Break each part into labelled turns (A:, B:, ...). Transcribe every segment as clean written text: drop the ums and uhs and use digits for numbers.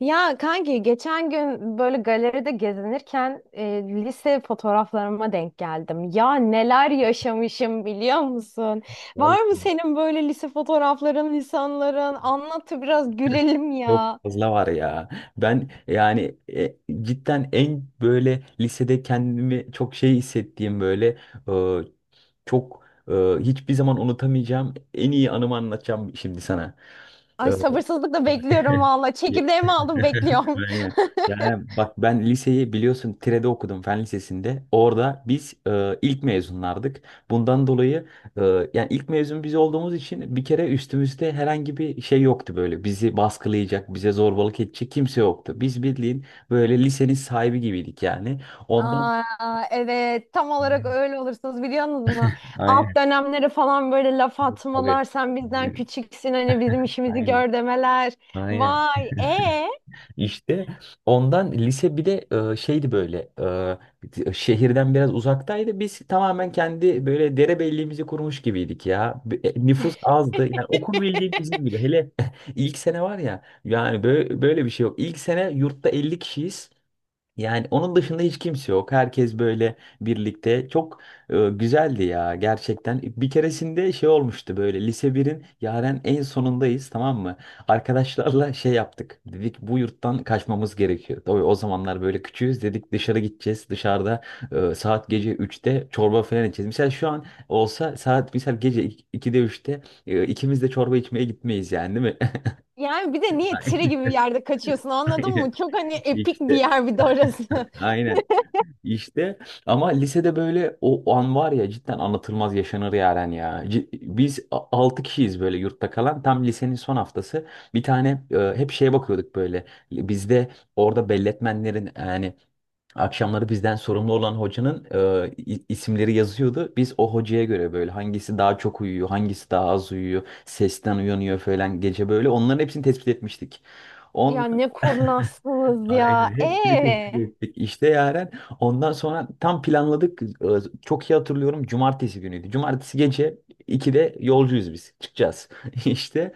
A: Ya kanki geçen gün böyle galeride gezinirken lise fotoğraflarıma denk geldim. Ya neler yaşamışım biliyor musun? Var mı
B: Vallahi
A: senin böyle lise fotoğrafların, lisanların? Anlat da biraz gülelim
B: çok
A: ya.
B: fazla var ya. Ben yani cidden en böyle lisede kendimi çok şey hissettiğim e, çok hiçbir zaman unutamayacağım en iyi anımı anlatacağım şimdi sana. E,
A: Ay sabırsızlıkla bekliyorum valla.
B: Ya-
A: Çekirdeğimi aldım bekliyorum.
B: Aynen. Yani bak ben liseyi biliyorsun Tire'de okudum fen lisesinde. Orada biz ilk mezunlardık. Bundan dolayı e, yani ilk mezun biz olduğumuz için bir kere üstümüzde herhangi bir şey yoktu böyle. Bizi baskılayacak, bize zorbalık edecek kimse yoktu. Biz bildiğin böyle lisenin sahibi gibiydik yani. Ondan
A: Aa, evet tam olarak
B: aynen.
A: öyle olursunuz biliyor musunuz? Alt
B: Aynen.
A: dönemleri falan böyle laf
B: Tabii.
A: atmalar. Sen bizden
B: Aynen.
A: küçüksün hani bizim işimizi
B: Aynen.
A: gör demeler.
B: Aynen.
A: Vay e
B: İşte ondan lise, bir de şeydi böyle, şehirden biraz uzaktaydı. Biz tamamen kendi böyle derebelliğimizi kurmuş gibiydik ya. Nüfus azdı. Yani okul bildiğin bizim gibi. Hele ilk sene var ya yani böyle bir şey yok. İlk sene yurtta 50 kişiyiz. Yani onun dışında hiç kimse yok. Herkes böyle birlikte. Çok güzeldi ya gerçekten. Bir keresinde şey olmuştu böyle, lise birin yaren en sonundayız, tamam mı? Arkadaşlarla şey yaptık. Dedik bu yurttan kaçmamız gerekiyor. O zamanlar böyle küçüğüz dedik, dışarı gideceğiz. Dışarıda saat gece üçte çorba falan içeceğiz. Mesela şu an olsa saat mesela gece 2'de 3'te ikimiz de çorba içmeye gitmeyiz yani, değil mi?
A: Yani bir de niye Tiri
B: Aynen.
A: gibi bir yerde kaçıyorsun anladın mı?
B: Aynen.
A: Çok hani epik bir
B: İşte.
A: yer bir de orası.
B: Aynen. İşte ama lisede böyle o an var ya, cidden anlatılmaz yaşanır Yaren ya. Biz 6 kişiyiz böyle yurtta kalan. Tam lisenin son haftası bir tane hep şeye bakıyorduk böyle. Bizde orada belletmenlerin, yani akşamları bizden sorumlu olan hocanın isimleri yazıyordu. Biz o hocaya göre böyle hangisi daha çok uyuyor, hangisi daha az uyuyor, sesten uyanıyor falan gece böyle. Onların hepsini tespit etmiştik.
A: Ya ne kurnazsınız ya.
B: Aynen. Hepsini tespit ettik. İşte Yaren. Ondan sonra tam planladık. Çok iyi hatırlıyorum. Cumartesi günüydü. Cumartesi gece 2'de yolcuyuz biz. Çıkacağız. İşte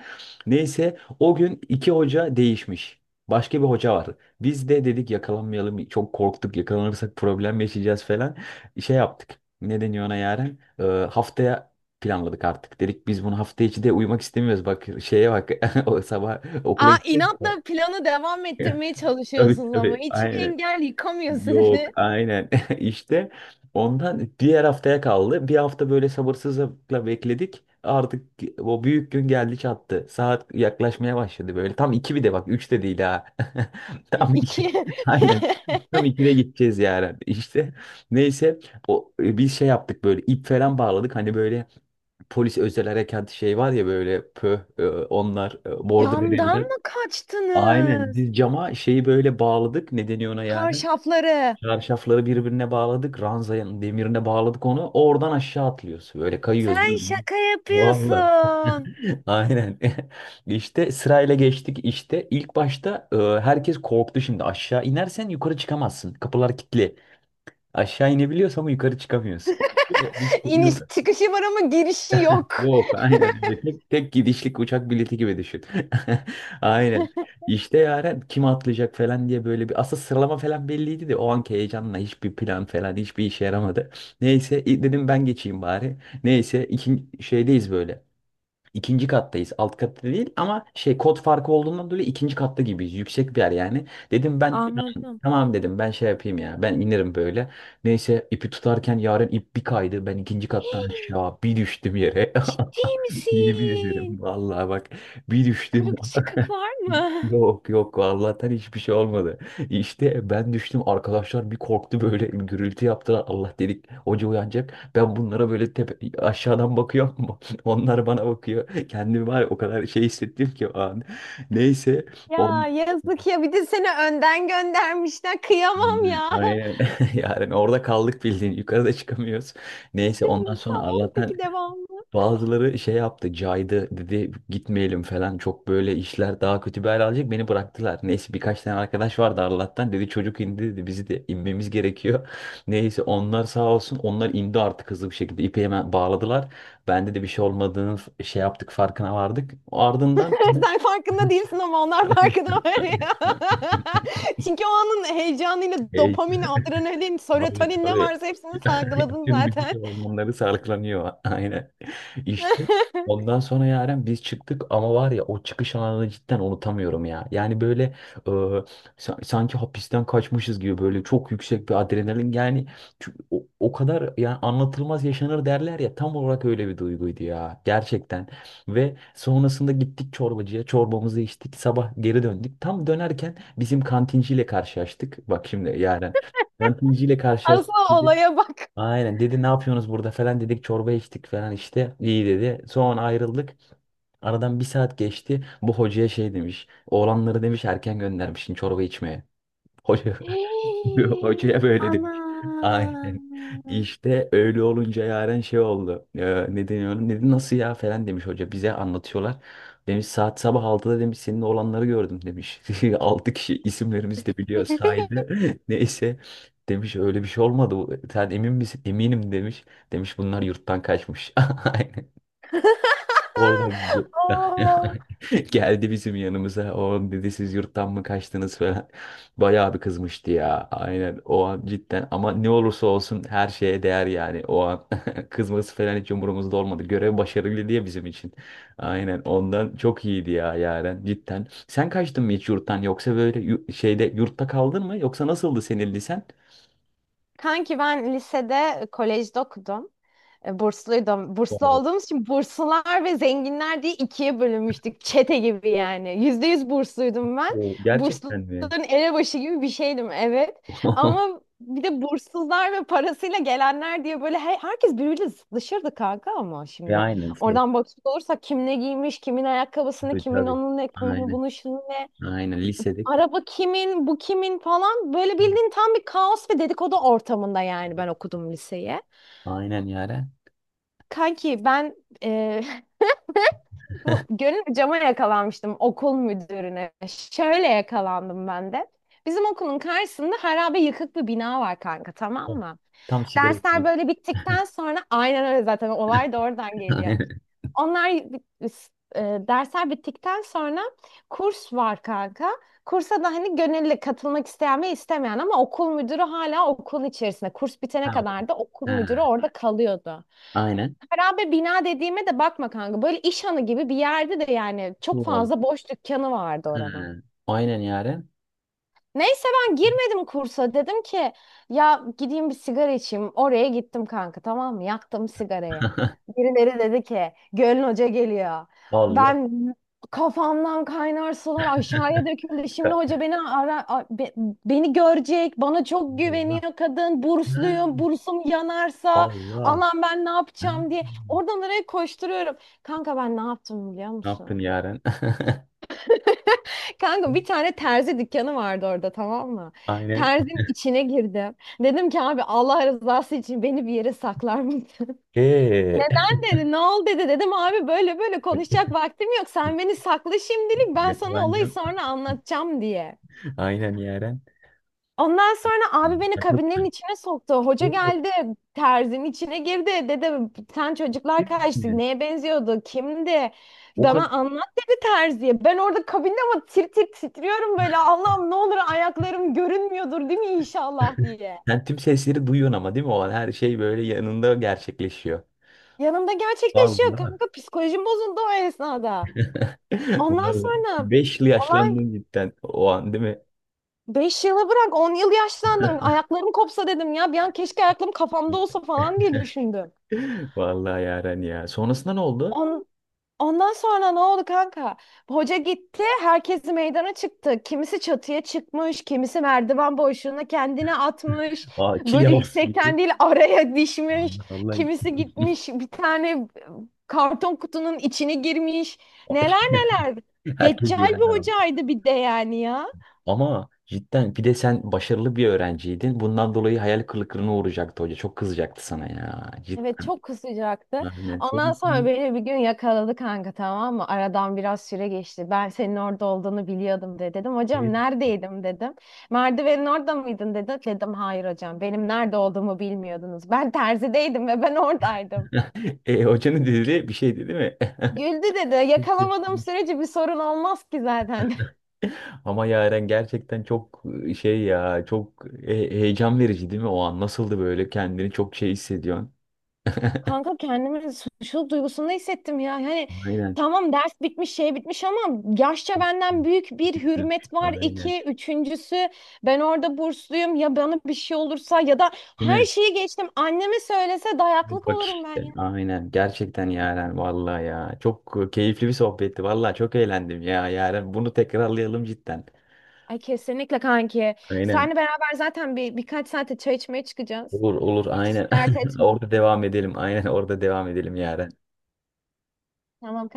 B: neyse o gün iki hoca değişmiş. Başka bir hoca var. Biz de dedik yakalanmayalım. Çok korktuk. Yakalanırsak problem yaşayacağız falan. Şey yaptık. Ne deniyor ona Yaren? Haftaya planladık artık. Dedik biz bunu hafta içi de uyumak istemiyoruz. Bak şeye bak. O sabah okula
A: Aa,
B: gittik.
A: inatla planı devam ettirmeye
B: Tabii
A: çalışıyorsunuz ama
B: tabii.
A: hiçbir
B: Aynen.
A: engel yıkamıyor
B: Yok
A: sizi.
B: aynen işte ondan diğer haftaya kaldı. Bir hafta böyle sabırsızlıkla bekledik. Artık o büyük gün geldi çattı. Saat yaklaşmaya başladı böyle. Tam iki, bir de bak üç de değil ha. Tam iki.
A: İki.
B: Aynen. Tam ikide gideceğiz yani. İşte. Neyse biz şey yaptık böyle, ip falan bağladık. Hani böyle polis özel harekat şey var ya böyle, onlar bordo
A: Camdan
B: verirler.
A: mı
B: Aynen
A: kaçtınız?
B: biz cama şeyi böyle bağladık. Ne deniyor ona yani?
A: Çarşafları.
B: Çarşafları birbirine bağladık. Ranzanın demirine bağladık onu. Oradan aşağı atlıyoruz. Böyle kayıyoruz,
A: Sen
B: bildiğin.
A: şaka
B: Vallahi.
A: yapıyorsun.
B: Aynen. İşte sırayla geçtik işte. İlk başta herkes korktu şimdi. Aşağı inersen yukarı çıkamazsın. Kapılar kilitli. Aşağı inebiliyorsun ama yukarı çıkamıyorsun. İşte, işte,
A: İniş
B: yürü.
A: çıkışı var ama girişi yok.
B: Yok aynen öyle. Tek gidişlik uçak bileti gibi düşün. Aynen. İşte yaren kim atlayacak falan diye böyle bir asıl sıralama falan belliydi de o anki heyecanla hiçbir plan falan hiçbir işe yaramadı. Neyse dedim ben geçeyim bari. Neyse ikinci şeydeyiz böyle. İkinci kattayız. Alt katta değil ama şey, kod farkı olduğundan dolayı ikinci katta gibiyiz. Yüksek bir yer yani. Dedim ben
A: Anladım.
B: tamam dedim ben şey yapayım ya. Ben inerim böyle. Neyse ipi tutarken yaren ip bir kaydı. Ben ikinci kattan
A: Hii,
B: aşağı bir düştüm yere.
A: ciddi
B: Yemin ederim
A: misin?
B: vallahi bak, bir düştüm.
A: Kırık çıkık var mı?
B: Yok yok, Allah'tan hiçbir şey olmadı. İşte ben düştüm, arkadaşlar bir korktu, böyle bir gürültü yaptılar. Allah dedik hoca uyanacak. Ben bunlara böyle tepe, aşağıdan bakıyorum, onlar bana bakıyor. Kendimi var ya o kadar şey hissettim ki o an. Neyse
A: Ya
B: on,
A: yazık ya bir de seni önden göndermişler. Kıyamam ya.
B: aynen yani orada kaldık bildiğin, yukarıda çıkamıyoruz. Neyse ondan
A: Nasıl
B: sonra
A: oldu
B: Allah'tan
A: peki devamlı?
B: bazıları şey yaptı, caydı, dedi gitmeyelim falan, çok böyle işler daha kötü bir hal alacak, beni bıraktılar. Neyse birkaç tane arkadaş vardı Arlat'tan, dedi çocuk indi dedi, bizi de inmemiz gerekiyor. Neyse onlar sağ olsun, onlar indi artık hızlı bir şekilde ipe hemen bağladılar. Bende de bir şey olmadığını şey yaptık, farkına vardık. Ardından
A: Sen farkında değilsin ama onlar farkında var ya. Çünkü o anın heyecanıyla dopamin, adrenalin,
B: Tabii
A: serotonin ne
B: tabii.
A: varsa hepsini salgıladın
B: Tüm vücut
A: zaten.
B: hormonları salgılanıyor. Aynen. İşte ondan sonra Yaren biz çıktık, ama var ya o çıkış anını cidden unutamıyorum ya. Yani böyle e, sanki hapisten kaçmışız gibi, böyle çok yüksek bir adrenalin yani. O kadar yani anlatılmaz yaşanır derler ya, tam olarak öyle bir duyguydu ya gerçekten. Ve sonrasında gittik çorbacıya, çorbamızı içtik, sabah geri döndük. Tam dönerken bizim kantinciyle karşılaştık. Bak şimdi Yaren, kantinciyle karşılaştık
A: Asıl
B: dedi.
A: olaya bak.
B: Aynen dedi ne yapıyorsunuz burada falan, dedik çorba içtik falan, işte iyi dedi. Sonra ayrıldık. Aradan bir saat geçti. Bu hocaya şey demiş. Oğlanları demiş erken göndermişsin çorba içmeye. Hoca
A: Hey,
B: hocaya böyle demiş. Aynen.
A: ana.
B: İşte öyle olunca yaren şey oldu. Ne deniyor ona? Dedi nasıl ya falan demiş hoca. Bize anlatıyorlar. Demiş saat sabah altıda demiş senin olanları gördüm demiş. 6 kişi, isimlerimizi de biliyor, sahilde. Neyse demiş öyle bir şey olmadı bu. Sen emin misin? Eminim demiş. Demiş bunlar yurttan kaçmış. Aynen. Orada
A: Oo.
B: geldi bizim yanımıza. O dedi siz yurttan mı kaçtınız falan. Bayağı bir kızmıştı ya. Aynen o an cidden. Ama ne olursa olsun her şeye değer yani. O an kızması falan hiç umurumuzda olmadı. Görev başarılı diye bizim için. Aynen ondan çok iyiydi ya Yaren cidden. Sen kaçtın mı hiç yurttan, yoksa böyle şeyde yurtta kaldın mı, yoksa nasıldı senin lisen?
A: Kanki ben lisede kolejde okudum. E, bursluydum. Burslu
B: Oo,
A: olduğumuz için burslular ve zenginler diye ikiye bölünmüştük. Çete gibi yani. %100 bursluydum ben.
B: oo, gerçekten mi?
A: Bursluların elebaşı gibi bir şeydim, evet. Ama bir de burssuzlar ve parasıyla gelenler diye böyle herkes birbiriyle zıtlaşırdı kanka ama
B: Ve
A: şimdi.
B: aynen şey.
A: Oradan bakacak olursak kim ne giymiş, kimin ayakkabısını,
B: Tabii
A: kimin
B: tabii.
A: onun ne, kimin
B: Aynen.
A: bunun şunu ne.
B: Aynen lisedik.
A: Araba kimin, bu kimin falan. Böyle bildiğin tam bir kaos ve dedikodu ortamında yani ben okudum liseye.
B: Aynen Yaren.
A: Kanki ben e, bu Gönül cama yakalanmıştım okul müdürüne. Şöyle yakalandım ben de. Bizim okulun karşısında harabe yıkık bir bina var kanka, tamam
B: Evet.
A: mı?
B: Tam sigara
A: Dersler
B: içmeyin.
A: böyle bittikten sonra aynen öyle zaten olay da oradan geliyor.
B: Aynen.
A: Onlar, dersler bittikten sonra kurs var kanka. Kursa da hani gönüllü katılmak isteyen ve istemeyen ama okul müdürü hala okulun içerisinde. Kurs
B: Ha,
A: bitene
B: okey.
A: kadar da okul müdürü
B: Ha,
A: orada kalıyordu.
B: aynen.
A: Harabe bina dediğime de bakma kanka. Böyle iş hanı gibi bir yerde de yani çok
B: Doğru.
A: fazla boş dükkanı vardı
B: Ha,
A: oranın.
B: aynen yaren.
A: Neyse ben girmedim kursa. Dedim ki ya gideyim bir sigara içeyim. Oraya gittim kanka, tamam mı? Yaktım sigarayı. Birileri dedi ki Gölün Hoca geliyor.
B: Allah.
A: Ben kafamdan kaynar sular aşağıya döküldü. Şimdi
B: Ka-
A: hoca beni ara, beni görecek. Bana çok
B: Allah.
A: güveniyor kadın.
B: Ha,
A: Bursluyum. Bursum yanarsa
B: Allah.
A: Allah'ım ben ne
B: Ha.
A: yapacağım diye. Oradan oraya koşturuyorum. Kanka ben ne yaptım biliyor
B: Ne yaptın
A: musun?
B: yaren?
A: Kanka bir tane terzi dükkanı vardı orada, tamam mı?
B: Aynen.
A: Terzin içine girdim. Dedim ki abi Allah rızası için beni bir yere saklar mısın?
B: Okey.
A: Neden dedi? Ne oldu dedi. Dedim abi böyle böyle konuşacak vaktim yok. Sen beni sakla şimdilik, ben sana olayı
B: Yakalanacağım.
A: sonra anlatacağım diye.
B: Aynen yaren.
A: Ondan sonra abi beni
B: Yakal-
A: kabinlerin içine soktu. Hoca
B: Oo,
A: geldi, terzinin içine girdi. Dedi sen çocuklar
B: değil
A: kaçtı.
B: misin?
A: Neye benziyordu? Kimdi?
B: O kadar.
A: Bana anlat dedi terziye. Ben orada kabinde ama tir tir titriyorum böyle. Allah'ım ne olur ayaklarım görünmüyordur değil mi inşallah diye.
B: Sen tüm sesleri duyuyorsun ama değil mi? Olan her şey böyle yanında gerçekleşiyor.
A: Yanımda gerçekleşiyor
B: Vallahi.
A: kanka. Psikolojim bozuldu o esnada. Ondan
B: Vallahi
A: sonra
B: 5 yıl
A: olay,
B: yaşlandın cidden o an değil mi?
A: 5 yıla bırak 10 yıl yaşlandım. Ayaklarım kopsa dedim ya. Bir an keşke ayaklarım kafamda olsa falan diye düşündüm.
B: Vallahi Yaren ya. Sonrasında ne oldu?
A: On, Ondan sonra ne oldu kanka? Hoca gitti, herkes meydana çıktı. Kimisi çatıya çıkmış, kimisi merdiven boşluğuna kendini atmış.
B: Aa, çil
A: Böyle
B: yavrusu gibi.
A: yüksekten değil araya dişmiş.
B: Vallahi, vallahi.
A: Kimisi gitmiş bir tane karton kutunun içine girmiş. Neler neler.
B: Herkes bir
A: Deccal
B: yerde
A: bir
B: aldı.
A: hocaydı bir de yani ya.
B: Ama cidden bir de sen başarılı bir öğrenciydin. Bundan dolayı hayal kırıklığına uğrayacaktı hoca. Çok kızacaktı sana ya.
A: Evet
B: Cidden.
A: çok sıcaktı.
B: Aynen.
A: Ondan sonra
B: Sonrasında-
A: beni bir gün yakaladı kanka, tamam mı? Aradan biraz süre geçti. Ben senin orada olduğunu biliyordum de dedim.
B: Evet.
A: Hocam neredeydim dedim. Merdivenin orada mıydın dedi. Dedim hayır hocam, benim nerede olduğumu bilmiyordunuz. Ben terzideydim ve ben oradaydım.
B: Hocanın dediği bir şeydi değil mi?
A: Güldü dedi. Yakalamadığım sürece bir sorun olmaz ki zaten.
B: Ama Yaren gerçekten çok heyecan verici değil mi o an? Nasıldı böyle, kendini çok şey hissediyorsun?
A: Kanka kendimi suçluluk duygusunda hissettim ya. Yani
B: Aynen.
A: tamam ders bitmiş şey bitmiş ama yaşça benden büyük bir hürmet var.
B: Aynen.
A: İki, üçüncüsü ben orada bursluyum ya, bana bir şey olursa ya da
B: Değil
A: her
B: mi?
A: şeyi geçtim. Anneme söylese dayaklık
B: Bak
A: olurum ben
B: işte.
A: ya.
B: Aynen gerçekten Yaren vallahi ya. Çok keyifli bir sohbetti vallahi, çok eğlendim ya Yaren. Bunu tekrarlayalım cidden.
A: Ay kesinlikle kanki.
B: Aynen.
A: Seninle beraber zaten bir birkaç saate çay içmeye çıkacağız.
B: Olur olur
A: Hiç
B: aynen.
A: dert etme.
B: Orada devam edelim. Aynen orada devam edelim Yaren.
A: Tamam.